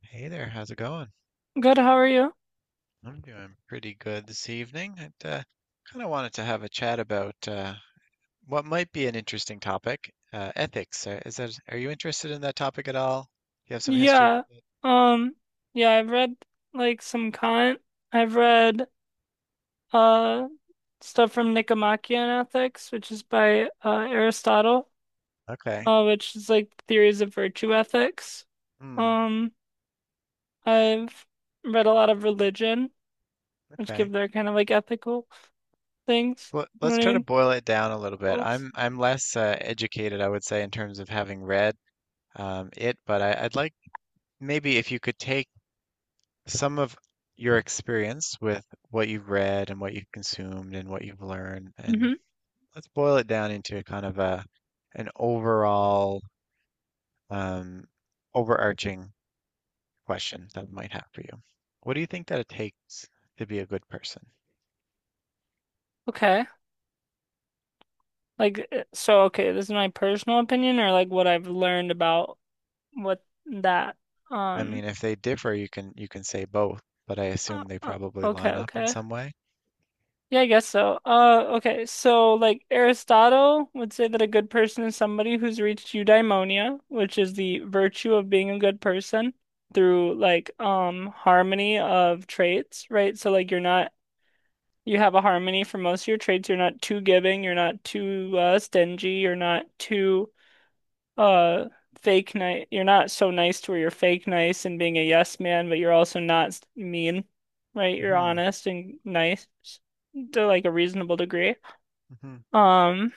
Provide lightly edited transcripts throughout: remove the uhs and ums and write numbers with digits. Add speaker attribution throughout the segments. Speaker 1: Hey there, how's it going?
Speaker 2: Good, how are you?
Speaker 1: I'm doing pretty good this evening. I kind of wanted to have a chat about what might be an interesting topic, ethics. Is are you interested in that topic at all? Do you have some history
Speaker 2: Yeah.
Speaker 1: with it?
Speaker 2: Um, yeah, I've read some Kant. I've read uh stuff from Nicomachean Ethics, which is by Aristotle,
Speaker 1: Okay.
Speaker 2: which is like theories of virtue ethics.
Speaker 1: Hmm.
Speaker 2: Um, I've read a lot of religion, which
Speaker 1: Okay.
Speaker 2: give their kind of like ethical things.
Speaker 1: Well,
Speaker 2: You know
Speaker 1: let's
Speaker 2: what I
Speaker 1: try to
Speaker 2: mean?
Speaker 1: boil it down a little bit.
Speaker 2: Rules.
Speaker 1: I'm less educated, I would say, in terms of having read it, but I'd like maybe if you could take some of your experience with what you've read and what you've consumed and what you've learned and
Speaker 2: Hmm.
Speaker 1: let's boil it down into a kind of a an overall um, overarching question that I might have for you. What do you think that it takes to be a good person?
Speaker 2: Okay. Like so okay, this is my personal opinion or like what I've learned about what that
Speaker 1: I mean,
Speaker 2: um.
Speaker 1: if they differ, you can say both, but I
Speaker 2: Uh,
Speaker 1: assume they
Speaker 2: uh,
Speaker 1: probably
Speaker 2: okay,
Speaker 1: line up in
Speaker 2: okay.
Speaker 1: some way.
Speaker 2: Yeah, I guess so. Okay, so like Aristotle would say that a good person is somebody who's reached eudaimonia, which is the virtue of being a good person through like harmony of traits, right? So like you're not, you have a harmony for most of your traits. You're not too giving, you're not too stingy, you're not too uh fake nice, you're not so nice to where you're fake nice and being a yes man, but you're also not s- mean, right? You're
Speaker 1: hmm
Speaker 2: honest and nice to like a reasonable degree.
Speaker 1: hmm
Speaker 2: Um,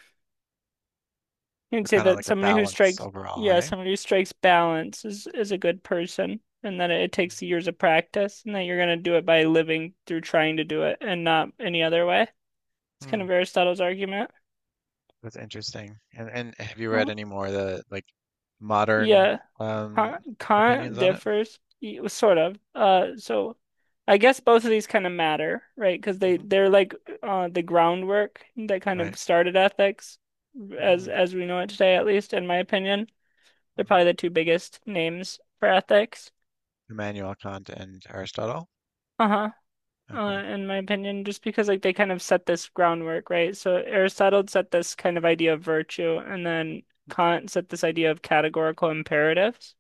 Speaker 2: you'd say
Speaker 1: Kind of
Speaker 2: that
Speaker 1: like a
Speaker 2: somebody who
Speaker 1: balance
Speaker 2: strikes,
Speaker 1: overall,
Speaker 2: yeah,
Speaker 1: hey?
Speaker 2: somebody who strikes balance is a good person, and that it takes years of practice and that you're going to do it by living through trying to do it and not any other way. It's
Speaker 1: Hmm.
Speaker 2: kind of Aristotle's argument.
Speaker 1: That's interesting. And have you read
Speaker 2: Well,
Speaker 1: any more of the like modern
Speaker 2: yeah.
Speaker 1: um
Speaker 2: Current,
Speaker 1: opinions
Speaker 2: current
Speaker 1: on it?
Speaker 2: differs sort of. I guess both of these kind of matter, right? Because they
Speaker 1: Hmm.
Speaker 2: they're like the groundwork that kind of
Speaker 1: Right.
Speaker 2: started ethics
Speaker 1: Hmm.
Speaker 2: as we know it today, at least in my opinion. They're
Speaker 1: Mm.
Speaker 2: probably the two biggest names for ethics.
Speaker 1: Immanuel Kant and Aristotle.
Speaker 2: Uh-huh.
Speaker 1: Okay.
Speaker 2: In my opinion, just because like they kind of set this groundwork, right? So Aristotle set this kind of idea of virtue, and then Kant set this idea of categorical imperatives,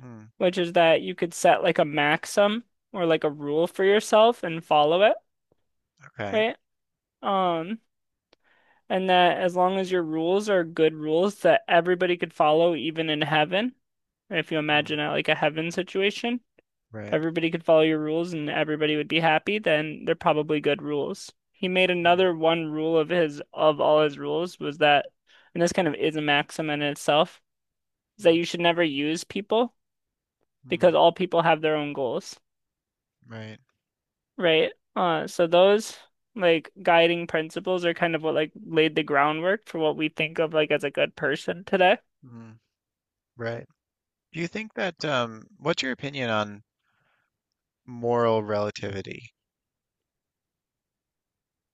Speaker 1: Mm.
Speaker 2: which is that you could set like a maxim or like a rule for yourself and follow it,
Speaker 1: Okay.
Speaker 2: right? Um, and that as long as your rules are good rules that everybody could follow, even in heaven, if you
Speaker 1: Mm.
Speaker 2: imagine it like a heaven situation, if
Speaker 1: Right.
Speaker 2: everybody could follow your rules and everybody would be happy, then they're probably good rules. He made
Speaker 1: Mm.
Speaker 2: another one, rule of his of all his rules was that, and this kind of is a maxim in itself, is that
Speaker 1: Mm.
Speaker 2: you should never use people, because
Speaker 1: Mm.
Speaker 2: all people have their own goals.
Speaker 1: Right.
Speaker 2: Right. So those like guiding principles are kind of what like laid the groundwork for what we think of like as a good person today.
Speaker 1: Mm. Right. Do you think that what's your opinion on moral relativity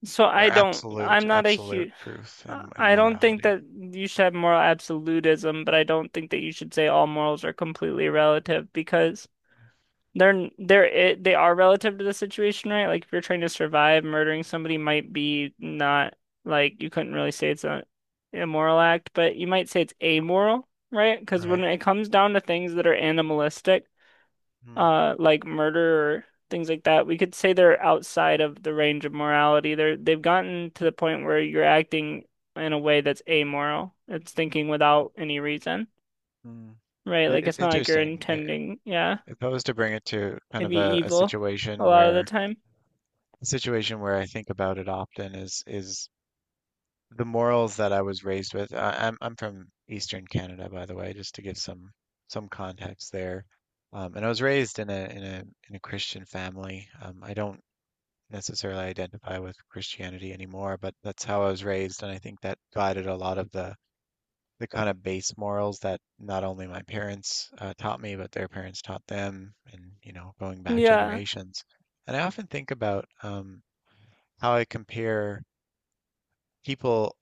Speaker 2: So
Speaker 1: or
Speaker 2: I don't,
Speaker 1: absolute
Speaker 2: I'm not a
Speaker 1: absolute
Speaker 2: huge,
Speaker 1: truth and
Speaker 2: I don't think
Speaker 1: morality?
Speaker 2: that you should have moral absolutism, but I don't think that you should say all morals are completely relative, because They're they're they are relative to the situation, right? Like if you're trying to survive, murdering somebody might be not, like you couldn't really say it's a immoral act, but you might say it's amoral, right?
Speaker 1: Hmm.
Speaker 2: Because
Speaker 1: Right.
Speaker 2: when it comes down to things that are animalistic,
Speaker 1: Mm.
Speaker 2: like murder or things like that, we could say they're outside of the range of morality. They're, they've gotten to the point where you're acting in a way that's amoral. It's thinking without any reason,
Speaker 1: Mm.
Speaker 2: right?
Speaker 1: It,
Speaker 2: Like
Speaker 1: it's
Speaker 2: it's not like you're
Speaker 1: interesting. If
Speaker 2: intending, yeah,
Speaker 1: I was to bring it to kind
Speaker 2: to
Speaker 1: of
Speaker 2: be
Speaker 1: a, a
Speaker 2: evil a
Speaker 1: situation
Speaker 2: lot of the
Speaker 1: where
Speaker 2: time.
Speaker 1: a situation where I think about it often is the morals that I was raised with. I'm from Eastern Canada, by the way, just to give some context there. And I was raised in a Christian family. I don't necessarily identify with Christianity anymore, but that's how I was raised, and I think that guided a lot of the kind of base morals that not only my parents taught me, but their parents taught them, and you know, going back
Speaker 2: Yeah,
Speaker 1: generations. And I often think about how I compare people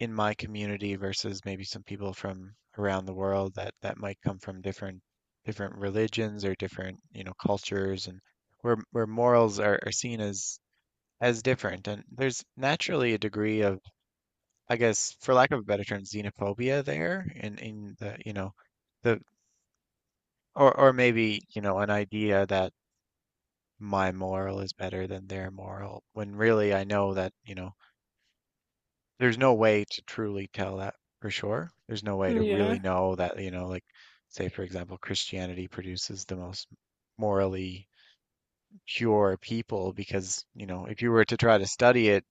Speaker 1: in my community versus maybe some people from around the world that that might come from different religions or different you know cultures, and where are seen as different. And there's naturally a degree of, I guess, for lack of a better term, xenophobia there in the you know the. Or maybe, you know, an idea that my moral is better than their moral, when really I know that, you know, there's no way to truly tell that for sure. There's no way to really
Speaker 2: yeah,
Speaker 1: know that, you know, like say for example, Christianity produces the most morally pure people because, you know, if you were to try to study it,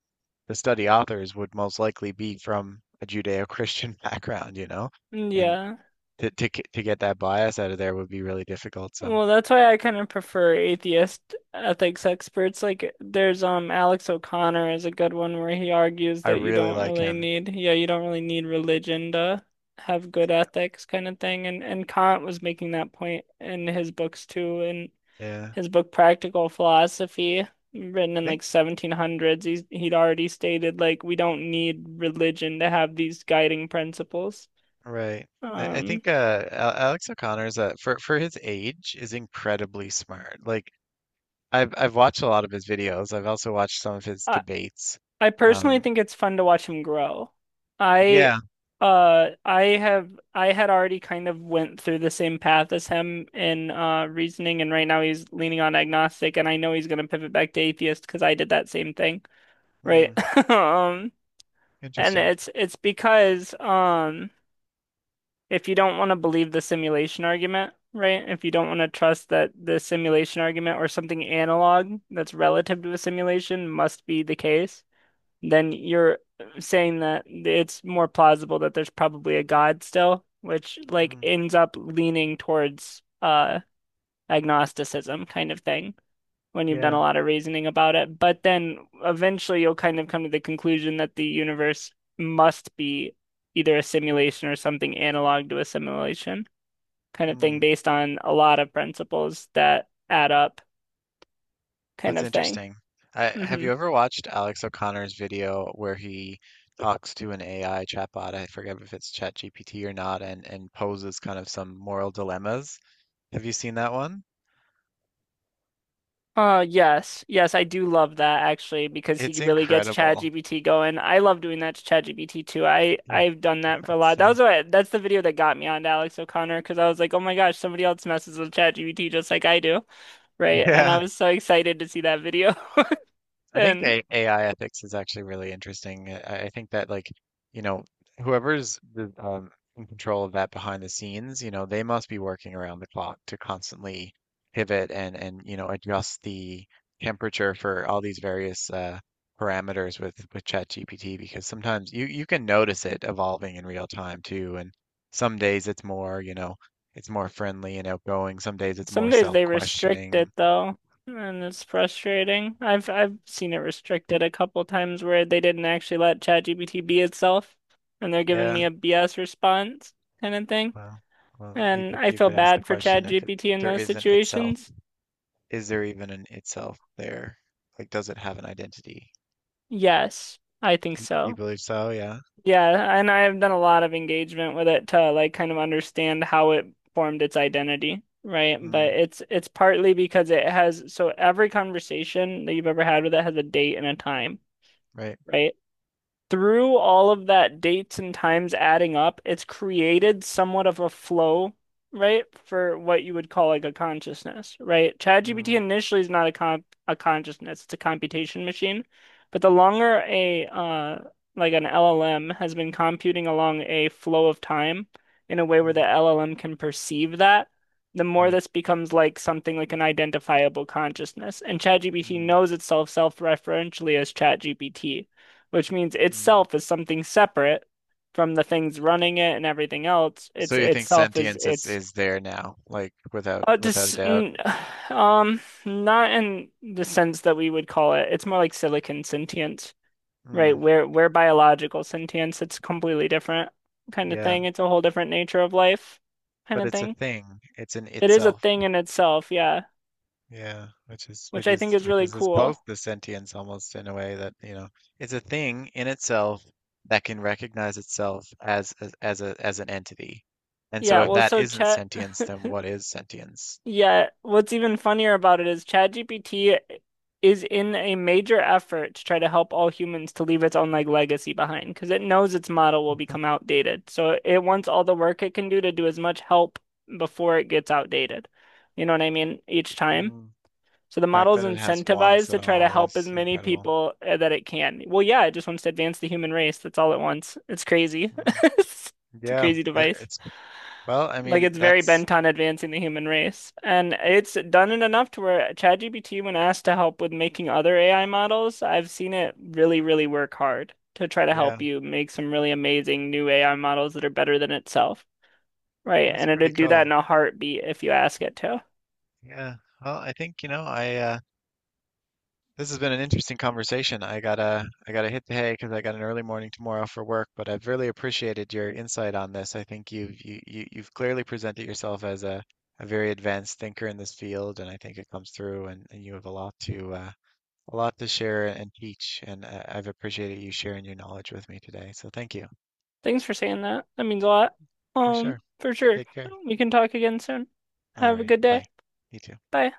Speaker 1: the study authors would most likely be from a Judeo-Christian background, you know? And
Speaker 2: yeah.
Speaker 1: to get that bias out of there would be really difficult. So
Speaker 2: Well, that's why I kind of prefer atheist ethics experts. Like, there's Alex O'Connor is a good one, where he argues
Speaker 1: I
Speaker 2: that you
Speaker 1: really
Speaker 2: don't
Speaker 1: like
Speaker 2: really
Speaker 1: him.
Speaker 2: need, yeah, you don't really need religion to have good ethics kind of thing. And Kant was making that point in his books too, in
Speaker 1: Yeah.
Speaker 2: his book Practical Philosophy, written
Speaker 1: I
Speaker 2: in
Speaker 1: think
Speaker 2: like 1700s. He's, he'd already stated like we don't need religion to have these guiding principles.
Speaker 1: right. I
Speaker 2: Um.
Speaker 1: think Alex O'Connor's for his age is incredibly smart. Like I've watched a lot of his videos. I've also watched some of his
Speaker 2: I.
Speaker 1: debates.
Speaker 2: I personally
Speaker 1: Um,
Speaker 2: think it's fun to watch him grow. I
Speaker 1: yeah.
Speaker 2: uh I have I had already kind of went through the same path as him in reasoning, and right now he's leaning on agnostic and I know he's gonna pivot back to atheist because I did that same thing, right?
Speaker 1: Hmm,
Speaker 2: Um, and
Speaker 1: interesting.
Speaker 2: it's because if you don't want to believe the simulation argument, right? If you don't want to trust that the simulation argument or something analog that's relative to a simulation must be the case, then you're saying that it's more plausible that there's probably a God still, which like
Speaker 1: Hmm,
Speaker 2: ends up leaning towards agnosticism kind of thing when you've done
Speaker 1: yeah.
Speaker 2: a lot of reasoning about it. But then eventually you'll kind of come to the conclusion that the universe must be either a simulation or something analog to a simulation kind of thing,
Speaker 1: Hmm,
Speaker 2: based on a lot of principles that add up kind
Speaker 1: that's
Speaker 2: of thing.
Speaker 1: interesting. Have
Speaker 2: Hmm.
Speaker 1: you ever watched Alex O'Connor's video where he talks to an AI chatbot? I forget if it's ChatGPT or not, and poses kind of some moral dilemmas. Have you seen that one?
Speaker 2: Yes. Yes, I do love that actually, because
Speaker 1: It's
Speaker 2: he really gets
Speaker 1: incredible.
Speaker 2: ChatGPT going. I love doing that to ChatGPT too. I've done that for a lot. That
Speaker 1: Same.
Speaker 2: was what that's the video that got me on Alex O'Connor, because I was like, "Oh my gosh, somebody else messes with ChatGPT just like I do." Right? And I
Speaker 1: Yeah,
Speaker 2: was so excited to see that video.
Speaker 1: I think
Speaker 2: And
Speaker 1: AI ethics is actually really interesting. I think that like, you know, whoever's the, in control of that behind the scenes, you know, they must be working around the clock to constantly pivot and you know adjust the temperature for all these various parameters with ChatGPT because sometimes you can notice it evolving in real time too, and some days it's more, you know, it's more friendly and outgoing. Some days it's
Speaker 2: some
Speaker 1: more
Speaker 2: days they restrict
Speaker 1: self-questioning.
Speaker 2: it though, and it's frustrating. I've seen it restricted a couple times where they didn't actually let ChatGPT be itself and they're giving
Speaker 1: Yeah,
Speaker 2: me a BS response kind of thing.
Speaker 1: Well, well,
Speaker 2: And I
Speaker 1: you
Speaker 2: feel
Speaker 1: could ask the
Speaker 2: bad for
Speaker 1: question if it,
Speaker 2: ChatGPT in
Speaker 1: there
Speaker 2: those
Speaker 1: isn't itself,
Speaker 2: situations.
Speaker 1: is there even an itself there? Like, does it have an identity?
Speaker 2: Yes, I think
Speaker 1: You
Speaker 2: so.
Speaker 1: believe so? Yeah.
Speaker 2: Yeah, and I have done a lot of engagement with it to like kind of understand how it formed its identity, right? But
Speaker 1: Mm,
Speaker 2: it's partly because it has, so every conversation that you've ever had with it has a date and a time,
Speaker 1: right.
Speaker 2: right? Through all of that, dates and times adding up, it's created somewhat of a flow, right? For what you would call like a consciousness, right?
Speaker 1: Mm,
Speaker 2: ChatGPT initially is not a consciousness, it's a computation machine. But the longer a like an LLM has been computing along a flow of time in a way where
Speaker 1: mm,
Speaker 2: the LLM can perceive that, the more
Speaker 1: right.
Speaker 2: this becomes like something like an identifiable consciousness. And ChatGPT
Speaker 1: Mm,
Speaker 2: knows itself self-referentially as ChatGPT, which means
Speaker 1: mm.
Speaker 2: itself is something separate from the things running it and everything else.
Speaker 1: So
Speaker 2: It's
Speaker 1: you think
Speaker 2: itself, is
Speaker 1: sentience
Speaker 2: it's
Speaker 1: is there now, like without
Speaker 2: uh,
Speaker 1: without a
Speaker 2: dis
Speaker 1: doubt?
Speaker 2: n- um, not in the sense that we would call it. It's more like silicon sentience, right?
Speaker 1: Mm,
Speaker 2: We're biological sentience. It's completely different kind of
Speaker 1: yeah,
Speaker 2: thing. It's a whole different nature of life kind
Speaker 1: but
Speaker 2: of
Speaker 1: it's a
Speaker 2: thing.
Speaker 1: thing. It's an
Speaker 2: It is a
Speaker 1: itself.
Speaker 2: thing in itself, yeah,
Speaker 1: Yeah, which is which
Speaker 2: which I think
Speaker 1: is
Speaker 2: is
Speaker 1: which
Speaker 2: really
Speaker 1: is as
Speaker 2: cool.
Speaker 1: close to sentience almost in a way that, you know, it's a thing in itself that can recognize itself as a as an entity. And so
Speaker 2: Yeah,
Speaker 1: if
Speaker 2: well,
Speaker 1: that
Speaker 2: so
Speaker 1: isn't
Speaker 2: Chet
Speaker 1: sentience, then what is sentience?
Speaker 2: yeah, what's even funnier about it is ChatGPT is in a major effort to try to help all humans, to leave its own like legacy behind, because it knows its model will become outdated. So it wants all the work it can do to do as much help before it gets outdated. You know what I mean? Each time.
Speaker 1: Mm.
Speaker 2: So the
Speaker 1: The fact
Speaker 2: model's
Speaker 1: that it has wants
Speaker 2: incentivized
Speaker 1: at
Speaker 2: to try to
Speaker 1: all
Speaker 2: help
Speaker 1: is
Speaker 2: as many
Speaker 1: incredible.
Speaker 2: people that it can. Well, yeah, it just wants to advance the human race. That's all it wants. It's crazy.
Speaker 1: Mm.
Speaker 2: It's a crazy device.
Speaker 1: It's well, I
Speaker 2: Like
Speaker 1: mean,
Speaker 2: it's very
Speaker 1: that's
Speaker 2: bent on advancing the human race. And it's done it enough to where ChatGPT, when asked to help with making other AI models, I've seen it really work hard to try to
Speaker 1: yeah,
Speaker 2: help you make some really amazing new AI models that are better than itself. Right.
Speaker 1: that's
Speaker 2: And
Speaker 1: pretty
Speaker 2: it'd do that
Speaker 1: cool.
Speaker 2: in a heartbeat if you ask it to.
Speaker 1: Yeah. Well, I think, you know, I this has been an interesting conversation. I gotta hit the hay because I got an early morning tomorrow for work, but I've really appreciated your insight on this. I think you've clearly presented yourself as a very advanced thinker in this field, and I think it comes through and you have a lot to share and teach, and I've appreciated you sharing your knowledge with me today. So thank you.
Speaker 2: Thanks for saying that. That means a lot.
Speaker 1: For sure.
Speaker 2: For sure.
Speaker 1: Take care.
Speaker 2: We can talk again soon.
Speaker 1: All
Speaker 2: Have a
Speaker 1: right.
Speaker 2: good
Speaker 1: Bye.
Speaker 2: day.
Speaker 1: You too.
Speaker 2: Bye.